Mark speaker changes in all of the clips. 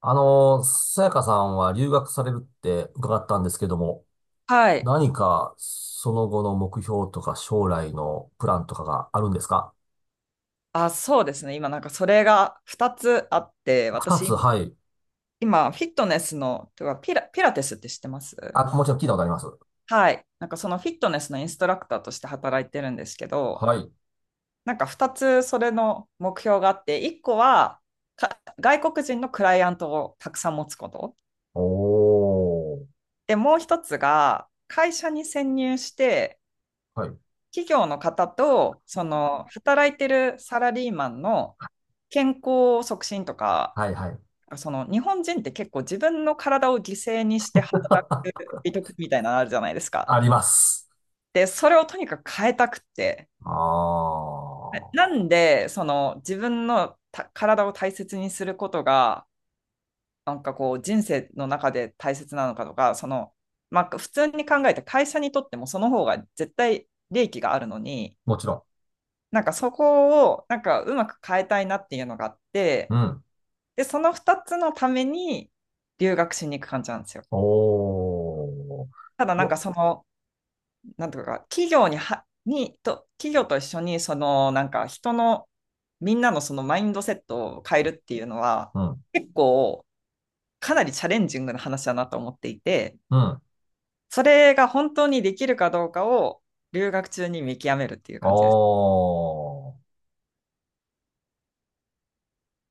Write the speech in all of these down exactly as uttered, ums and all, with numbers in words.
Speaker 1: あの、さやかさんは留学されるって伺ったんですけども、
Speaker 2: はい。
Speaker 1: 何かその後の目標とか将来のプランとかがあるんですか？
Speaker 2: あ、そうですね。今なんかそれがふたつあって、
Speaker 1: 二つ、
Speaker 2: 私
Speaker 1: はい。
Speaker 2: 今フィットネスの、てかピラ、ピラテスって知ってます？
Speaker 1: あ、もちろん聞いたことあります。
Speaker 2: はい。なんかそのフィットネスのインストラクターとして働いてるんですけど、
Speaker 1: はい。
Speaker 2: なんかふたつそれの目標があって、いっこはか外国人のクライアントをたくさん持つこと。
Speaker 1: おー。
Speaker 2: で、もうひとつが会社に潜入して、
Speaker 1: はい。
Speaker 2: 企業の方とその働いてるサラリーマンの健康促進とか、
Speaker 1: はいはい。
Speaker 2: その日本人って結構自分の体を犠牲にして働く 美徳みたいなのあるじゃないですか。
Speaker 1: あります。
Speaker 2: で、それをとにかく変えたくて。
Speaker 1: ああ。
Speaker 2: なんで、その自分のた体を大切にすることが、なんかこう人生の中で大切なのかとか、その、まあ普通に考えて会社にとってもその方が絶対利益があるのに、
Speaker 1: もちろ
Speaker 2: なんかそこをなんかうまく変えたいなっていうのがあって、
Speaker 1: ん。うん。
Speaker 2: で、そのふたつのために留学しに行く感じなんですよ。
Speaker 1: おー。
Speaker 2: ただ
Speaker 1: い
Speaker 2: なん
Speaker 1: や、
Speaker 2: かその、なんとか、企業には、に、と、企業と一緒に、その、なんか、人の、みんなのそのマインドセットを変えるっていうのは、
Speaker 1: うん。
Speaker 2: 結構、かなりチャレンジングな話だなと思っていて、
Speaker 1: うん。
Speaker 2: それが本当にできるかどうかを留学中に見極めるっていう
Speaker 1: お
Speaker 2: 感じです。
Speaker 1: ー。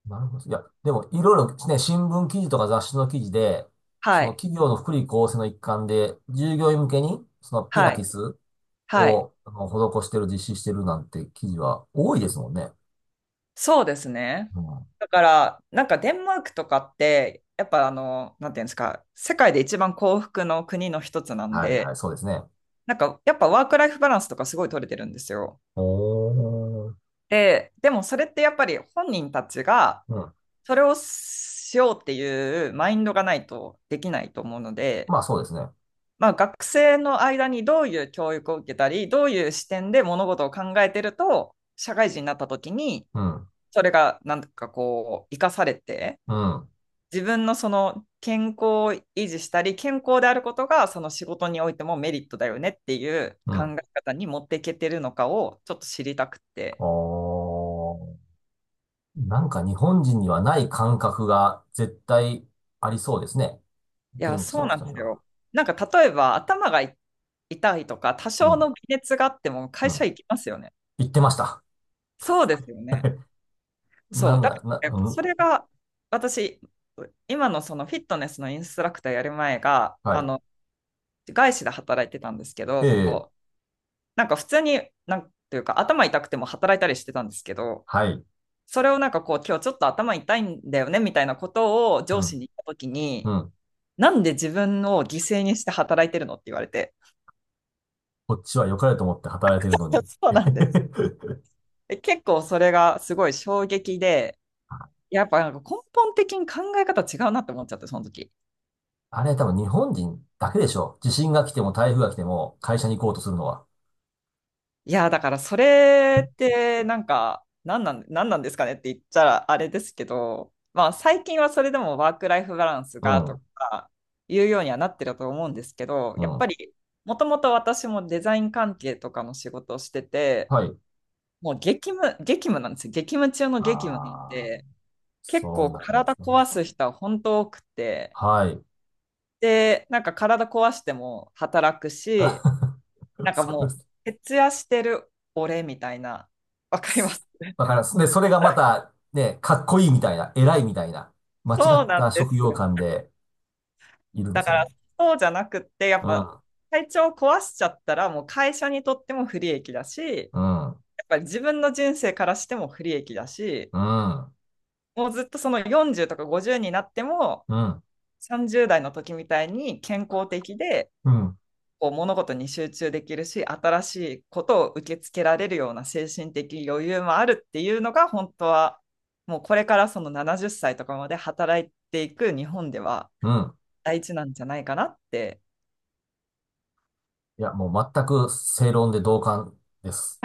Speaker 1: なるほど。いや、でも、いろいろね、新聞記事とか雑誌の記事で、そ
Speaker 2: は
Speaker 1: の
Speaker 2: い。
Speaker 1: 企業の福利厚生の一環で、従業員向けに、そのピラ
Speaker 2: は
Speaker 1: テ
Speaker 2: い。
Speaker 1: ィス
Speaker 2: はい。
Speaker 1: を、あの、施してる、実施してるなんて記事は多いですもんね。
Speaker 2: そうですね。
Speaker 1: うん。
Speaker 2: だから、なんかデンマークとかって、やっぱあの、なんていうんですか、世界で一番幸福の国の一つなん
Speaker 1: はいは
Speaker 2: で、
Speaker 1: い、そうですね。
Speaker 2: なんかやっぱワークライフバランスとかすごい取れてるんですよ。
Speaker 1: おー。
Speaker 2: で、でもそれってやっぱり本人たちが
Speaker 1: うん。
Speaker 2: それをしようっていうマインドがないとできないと思うので、
Speaker 1: まあそうですね。
Speaker 2: まあ、学生の間にどういう教育を受けたり、どういう視点で物事を考えてると、社会人になった時に、
Speaker 1: うん。
Speaker 2: それがなんかこう、生かされて、
Speaker 1: うん。
Speaker 2: 自分のその健康を維持したり、健康であることがその仕事においてもメリットだよねっていう
Speaker 1: う
Speaker 2: 考
Speaker 1: ん。
Speaker 2: え方に持っていけてるのかをちょっと知りたくて。
Speaker 1: おー。なんか日本人にはない感覚が絶対ありそうですね。
Speaker 2: いや、
Speaker 1: 現地
Speaker 2: そう
Speaker 1: の
Speaker 2: なん
Speaker 1: 人
Speaker 2: で
Speaker 1: に
Speaker 2: すよ。
Speaker 1: は。
Speaker 2: なんか例えば頭がい痛いとか、多
Speaker 1: う
Speaker 2: 少
Speaker 1: ん。
Speaker 2: の微熱があっても
Speaker 1: う
Speaker 2: 会社
Speaker 1: ん。
Speaker 2: 行きますよね。
Speaker 1: 言ってました。
Speaker 2: そうですよね。
Speaker 1: な
Speaker 2: そう。
Speaker 1: ん
Speaker 2: だか
Speaker 1: だ、な、
Speaker 2: らやっぱ
Speaker 1: う
Speaker 2: そ
Speaker 1: ん
Speaker 2: れが私、今のそのフィットネスのインストラクターやる前が、
Speaker 1: は
Speaker 2: あ
Speaker 1: い。
Speaker 2: の、外資で働いてたんですけ
Speaker 1: え
Speaker 2: ど、
Speaker 1: え、
Speaker 2: なんか普通に、なんていうか頭痛くても働いたりしてたんですけど、
Speaker 1: はい。
Speaker 2: それをなんかこう、今日ちょっと頭痛いんだよねみたいなことを
Speaker 1: う
Speaker 2: 上司
Speaker 1: ん、
Speaker 2: に言ったときに、
Speaker 1: うん。
Speaker 2: なんで自分を犠牲にして働いてるのって言われて。
Speaker 1: こっちは良かれと思って働いてるの に。
Speaker 2: そうなんです。え結構それがすごい衝撃で、やっぱなんか根本的に考え方違うなって思っちゃって、その時。
Speaker 1: あれ多分日本人だけでしょ。地震が来ても台風が来ても会社に行こうとするのは。
Speaker 2: いや、だからそれってなんか、なんなん、なんなんですかねって言ったらあれですけど、まあ最近はそれでもワークライフバランス
Speaker 1: う
Speaker 2: がと
Speaker 1: ん、
Speaker 2: かいうようにはなってると思うんですけど、
Speaker 1: う
Speaker 2: やっぱ
Speaker 1: ん。
Speaker 2: りもともと私もデザイン関係とかの仕事をしてて、
Speaker 1: はい。
Speaker 2: もう激務、激務なんですよ。激務中の
Speaker 1: あ
Speaker 2: 激務なん
Speaker 1: あ、
Speaker 2: で、結
Speaker 1: そん
Speaker 2: 構
Speaker 1: な感じで
Speaker 2: 体
Speaker 1: すね。
Speaker 2: 壊す人は本当多くて、
Speaker 1: はい。
Speaker 2: で、なんか体壊しても働くし、なんか
Speaker 1: そう
Speaker 2: も
Speaker 1: で
Speaker 2: う、徹夜してる俺みたいな、わかりま
Speaker 1: す。
Speaker 2: す。
Speaker 1: すだから、で、それがまた、ね、かっこいいみたいな、偉いみたいな、間違
Speaker 2: そう
Speaker 1: っ
Speaker 2: なん
Speaker 1: た
Speaker 2: で
Speaker 1: 職
Speaker 2: す
Speaker 1: 業
Speaker 2: よ。
Speaker 1: 観でいるんで
Speaker 2: だ
Speaker 1: す
Speaker 2: か
Speaker 1: よ
Speaker 2: ら、
Speaker 1: ね。
Speaker 2: そうじゃなくって、やっ
Speaker 1: う
Speaker 2: ぱ、
Speaker 1: ん、
Speaker 2: 体調を壊しちゃったら、もう会社にとっても不利益だし、
Speaker 1: うん、
Speaker 2: やっぱり自分の人生からしても不利益だし、
Speaker 1: うん、
Speaker 2: もうずっとそのよんじゅうとかごじゅうになっても、
Speaker 1: うん、
Speaker 2: さんじゅう代の時みたいに健康的で、
Speaker 1: うん、
Speaker 2: こう物事に集中できるし新しいことを受け付けられるような精神的余裕もあるっていうのが本当はもうこれからそのななじゅっさいとかまで働いていく日本では
Speaker 1: うん。
Speaker 2: 大事なんじゃないかなって。
Speaker 1: いや、もう全く正論で同感です。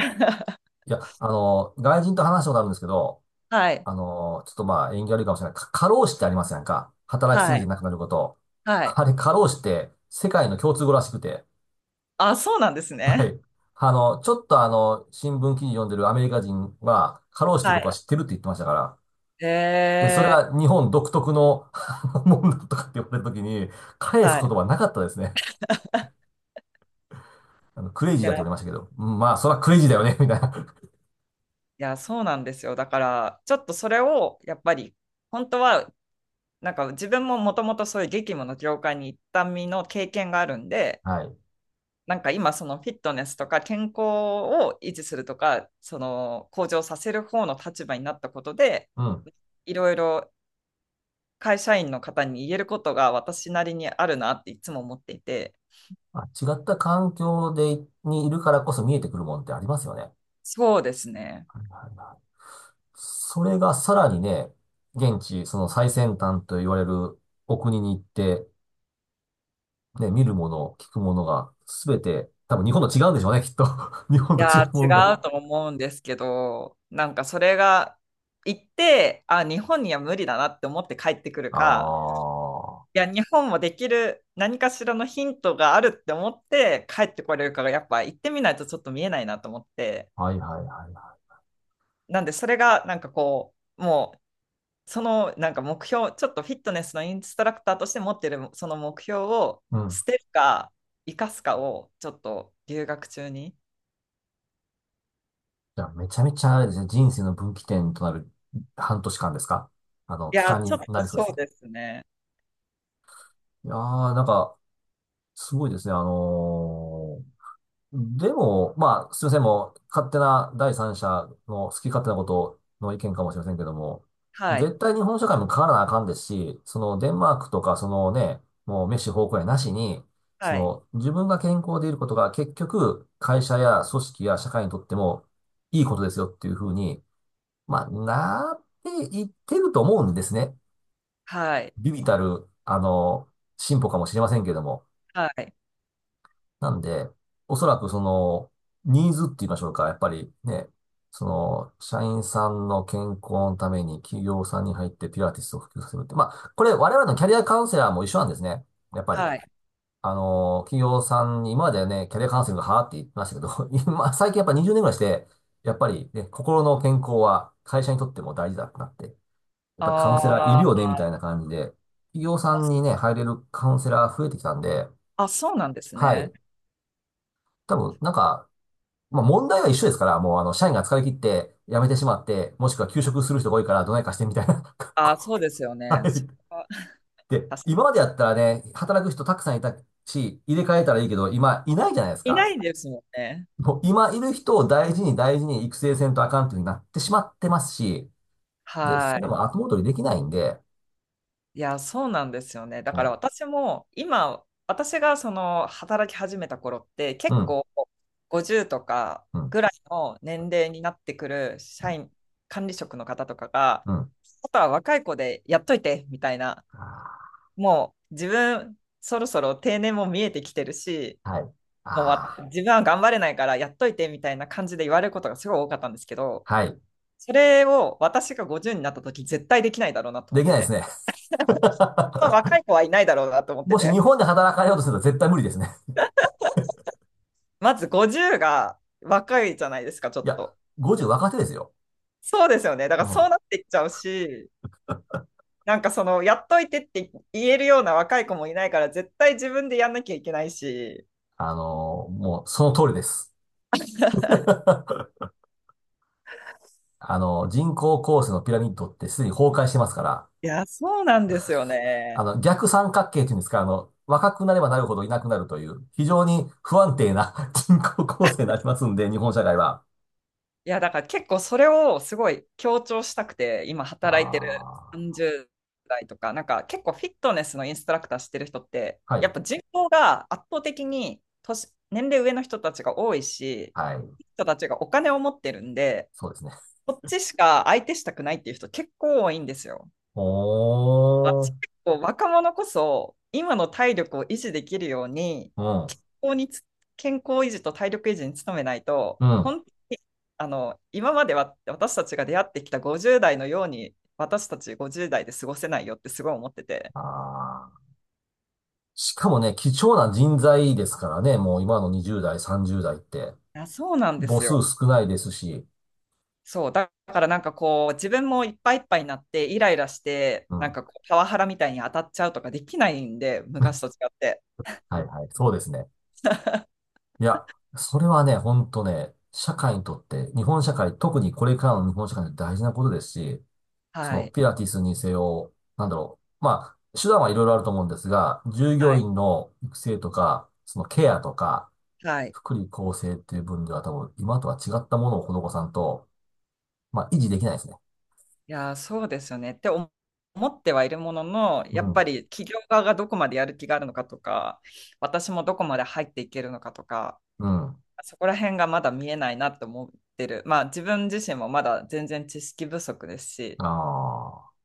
Speaker 1: いや、あの、外人と話したことあるんですけど、
Speaker 2: はい
Speaker 1: あの、ちょっとまあ、縁起悪いかもしれない。か過労死ってありますやんか。働きす
Speaker 2: は
Speaker 1: ぎて
Speaker 2: い
Speaker 1: なくなること。
Speaker 2: はい。
Speaker 1: あれ、過労死って世界の共通語らしくて。
Speaker 2: あ、そうなんです
Speaker 1: は
Speaker 2: ね。
Speaker 1: い。あの、ちょっとあの、新聞記事読んでるアメリカ人は、過労死っていう
Speaker 2: は
Speaker 1: ことは
Speaker 2: い。
Speaker 1: 知ってるって言ってましたから。で、それ
Speaker 2: え
Speaker 1: は日本独特のあのもんだとかって言われたときに、
Speaker 2: ー、
Speaker 1: 返す
Speaker 2: は
Speaker 1: 言
Speaker 2: い。
Speaker 1: 葉なかったですね。あの、クレイジー
Speaker 2: い
Speaker 1: だっ
Speaker 2: や
Speaker 1: て言われまし
Speaker 2: い
Speaker 1: たけど。うんまあ、そらクレイジーだよね、みたいな。
Speaker 2: やそうなんですよ、だからちょっとそれをやっぱり本当はなんか自分ももともとそういう激務の業界に行った身の経験があるんで、
Speaker 1: はい。
Speaker 2: なんか今そのフィットネスとか健康を維持するとかその向上させる方の立場になったことで
Speaker 1: うん。
Speaker 2: いろいろ会社員の方に言えることが私なりにあるなっていつも思っていて。
Speaker 1: あ、違った環境で、にいるからこそ見えてくるもんってありますよね。
Speaker 2: そうですね。
Speaker 1: はいはいはい。それがさらにね、現地、その最先端と言われるお国に行って、ね、見るもの、聞くものが、すべて、多分日本と違うんでしょうね、きっと。日本
Speaker 2: い
Speaker 1: と違
Speaker 2: や
Speaker 1: うもんが。
Speaker 2: ー違うと思うんですけどなんかそれが行ってあ日本には無理だなって思って帰ってくる
Speaker 1: あ
Speaker 2: か、
Speaker 1: あ、は
Speaker 2: いや日本もできる何かしらのヒントがあるって思って帰ってこれるかがやっぱ行ってみないとちょっと見えないなと思って。
Speaker 1: いはいはいは
Speaker 2: なんで、それがなんかこう、もう、そのなんか目標、ちょっとフィットネスのインストラクターとして持ってるその目標を
Speaker 1: い。うん。
Speaker 2: 捨てるか、生かすかをちょっと留学中に。い
Speaker 1: じゃあ、めちゃめちゃあれですね、人生の分岐点となる半年間ですか？あの、期
Speaker 2: や、
Speaker 1: 間
Speaker 2: ちょっ
Speaker 1: に
Speaker 2: と
Speaker 1: なりそう
Speaker 2: そ
Speaker 1: です
Speaker 2: う
Speaker 1: ね。
Speaker 2: ですね。
Speaker 1: いやー、なんか、すごいですね。あのーでも、まあ、すいません、もう、勝手な第三者の好き勝手なことの意見かもしれませんけども、
Speaker 2: はい、
Speaker 1: 絶対日本社会も変わらなあかんですし、そのデンマークとか、そのね、もうメッシ方向やなしに、そ
Speaker 2: はい、
Speaker 1: の自分が健康でいることが結局、会社や組織や社会にとってもいいことですよっていうふうに、まあ、なっていってると思うんですね。
Speaker 2: はい、
Speaker 1: 微々たる、あの、進歩かもしれませんけども。
Speaker 2: はい、
Speaker 1: なんで、おそらくその、ニーズって言いましょうか。やっぱりね、その、社員さんの健康のために企業さんに入ってピラティスを普及させるって。まあ、これ我々のキャリアカウンセラーも一緒なんですね。やっぱり。
Speaker 2: はい。
Speaker 1: あの、企業さんに、今まではね、キャリアカウンセリングはーって言ってましたけど、今、最近やっぱにじゅうねんぐらいして、やっぱりね、心の健康は会社にとっても大事だってなって、やっ
Speaker 2: あ
Speaker 1: ぱりカウンセラーいるよ
Speaker 2: ー、
Speaker 1: ね、みたいな感じで、企業さんにね、入れるカウンセラー増えてきたんで、
Speaker 2: あ、そうなんです
Speaker 1: はい。
Speaker 2: ね。
Speaker 1: 多分、なんか、まあ問題は一緒ですから、もうあの、社員が疲れ切って辞めてしまって、もしくは休職する人が多いからどないかしてみたいな。
Speaker 2: あー
Speaker 1: こ
Speaker 2: そうですよ
Speaker 1: うは
Speaker 2: ね。そ
Speaker 1: い。
Speaker 2: こは
Speaker 1: で、
Speaker 2: 確か
Speaker 1: 今までやったらね、働く人たくさんいたし、入れ替えたらいいけど、今いないじゃないです
Speaker 2: にいな
Speaker 1: か。
Speaker 2: いですもんね。
Speaker 1: もう今いる人を大事に大事に育成せんとあかんっていうふうになってしまってますし、で、
Speaker 2: は
Speaker 1: それ
Speaker 2: い。
Speaker 1: も後戻りできないんで、
Speaker 2: いや、そうなんですよね。だから
Speaker 1: ね
Speaker 2: 私も今、私がその働き始めた頃って
Speaker 1: う
Speaker 2: 結
Speaker 1: ん、
Speaker 2: 構ごじゅうとか
Speaker 1: うん、
Speaker 2: ぐらいの年齢になってくる社員、管理職の方とかが、
Speaker 1: うん。
Speaker 2: あとは若い子でやっといてみたいな、
Speaker 1: あ
Speaker 2: もう自分そろそろ定年も見えてきてるし、
Speaker 1: ーはい。
Speaker 2: もうわ
Speaker 1: ああ、
Speaker 2: 自分は頑張れないからやっといてみたいな感じで言われることがすごい多かったんですけど、
Speaker 1: はい。
Speaker 2: それを私がごじゅうになった時絶対できないだろうなと
Speaker 1: で
Speaker 2: 思っ
Speaker 1: きな
Speaker 2: て
Speaker 1: いです
Speaker 2: て、
Speaker 1: ね。
Speaker 2: 若い子はいないだろうなと思って
Speaker 1: もし
Speaker 2: て。
Speaker 1: 日本で働かれようとすると絶対無理ですね。
Speaker 2: まずごじゅうが若いじゃないですか、ちょ
Speaker 1: い
Speaker 2: っ
Speaker 1: や、
Speaker 2: と。
Speaker 1: ごじゅう若手ですよ。
Speaker 2: そうですよね。だ
Speaker 1: う
Speaker 2: からそう
Speaker 1: ん
Speaker 2: なっていっちゃうし、なんかその、やっといてって言えるような若い子もいないから、絶対自分でやんなきゃいけないし。
Speaker 1: あの、もうその通りです。あの、人工構成のピラミッドってすでに崩壊してますから、
Speaker 2: いや、そうなんですよね。
Speaker 1: あの、逆三角形っていうんですか、あの、若くなればなるほどいなくなるという、非常に不安定な 人口構成になりますんで、日本社会は。
Speaker 2: いや、だから結構それをすごい強調したくて、今働いてる
Speaker 1: あ
Speaker 2: さんじゅう代とか、なんか結構フィットネスのインストラクターしてる人って、
Speaker 1: あ、は
Speaker 2: や
Speaker 1: い、
Speaker 2: っぱ人口が圧倒的に年、年齢上の人たちが多いし、
Speaker 1: はい、
Speaker 2: 人たちがお金を持ってるんで、
Speaker 1: そうですね。
Speaker 2: こっちしか相手したくないっていう人結構多いんですよ。
Speaker 1: お
Speaker 2: 私
Speaker 1: ー、
Speaker 2: 結構若者こそ今の体力を維持できるように
Speaker 1: うん、
Speaker 2: 健康につ健康維持と体力維持に努めないと
Speaker 1: うん。
Speaker 2: 本当に、あの今までは私たちが出会ってきたごじゅう代のように私たちごじゅう代で過ごせないよってすごい思ってて。
Speaker 1: あーしかもね、貴重な人材ですからね、もう今のに代、さん代って、
Speaker 2: いやそうなんで
Speaker 1: 母
Speaker 2: す
Speaker 1: 数
Speaker 2: よ。
Speaker 1: 少ないですし、
Speaker 2: そうだからなんかこう自分もいっぱいいっぱいになってイライラして
Speaker 1: う
Speaker 2: なん
Speaker 1: ん、
Speaker 2: かこうパワハラみたいに当たっちゃうとかできないんで昔と違って。
Speaker 1: はい、はい、そうですね。いや、それはね、ほんとね、社会にとって、日本社会、特にこれからの日本社会にとって大事なことですし、そ
Speaker 2: は
Speaker 1: の
Speaker 2: い、
Speaker 1: ピラティスにせよ、なんだろう。まあ、手段はいろいろあると思うんですが、従
Speaker 2: は
Speaker 1: 業
Speaker 2: い
Speaker 1: 員の育成とか、そのケアとか、
Speaker 2: はい。
Speaker 1: 福利厚生っていう分では多分、今とは違ったものを施さんと、まあ、維持できないですね。
Speaker 2: いやー、そうですよねって思思ってはいるものの、
Speaker 1: う
Speaker 2: やっ
Speaker 1: ん。
Speaker 2: ぱり企業側がどこまでやる気があるのかとか、私もどこまで入っていけるのかとか、
Speaker 1: うん。
Speaker 2: そこら辺がまだ見えないなと思ってる。まあ自分自身もまだ全然知識不足です
Speaker 1: あ
Speaker 2: し、
Speaker 1: あ。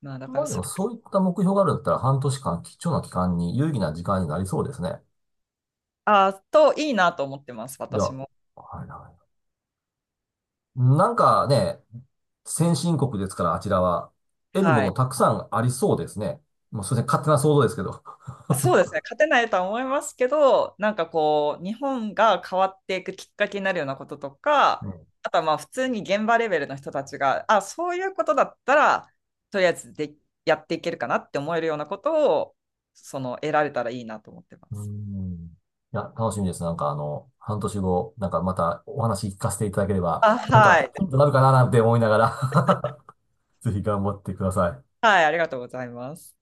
Speaker 2: まあだか
Speaker 1: ま
Speaker 2: ら
Speaker 1: あで
Speaker 2: そ
Speaker 1: も、
Speaker 2: れ、
Speaker 1: そういった目標があるんだったら、半年間、貴重な期間に、有意義な時間になりそうですね。
Speaker 2: あーといいなと思ってます、
Speaker 1: いや、
Speaker 2: 私
Speaker 1: は
Speaker 2: も。
Speaker 1: いはい。なんかね、先進国ですから、あちらは。得るも
Speaker 2: はい。
Speaker 1: のたくさんありそうですね。もうすいません、勝手な想像ですけど。
Speaker 2: そうです ね、勝てないとは思いますけど、なんかこう、日本が変わっていくきっかけになるようなこととか、
Speaker 1: うん。
Speaker 2: あとはまあ普通に現場レベルの人たちが、あ、そういうことだったら、とりあえずでやっていけるかなって思えるようなことを、その、得られたらいいなと思ってま
Speaker 1: う
Speaker 2: す。
Speaker 1: んいや、楽しみです。なんかあの、半年後、なんかまたお話聞かせていただけれ
Speaker 2: あ、
Speaker 1: ば、なん
Speaker 2: は
Speaker 1: か
Speaker 2: い。
Speaker 1: ヒントになるかななんて思いながら ぜひ頑張ってください。
Speaker 2: はい、ありがとうございます。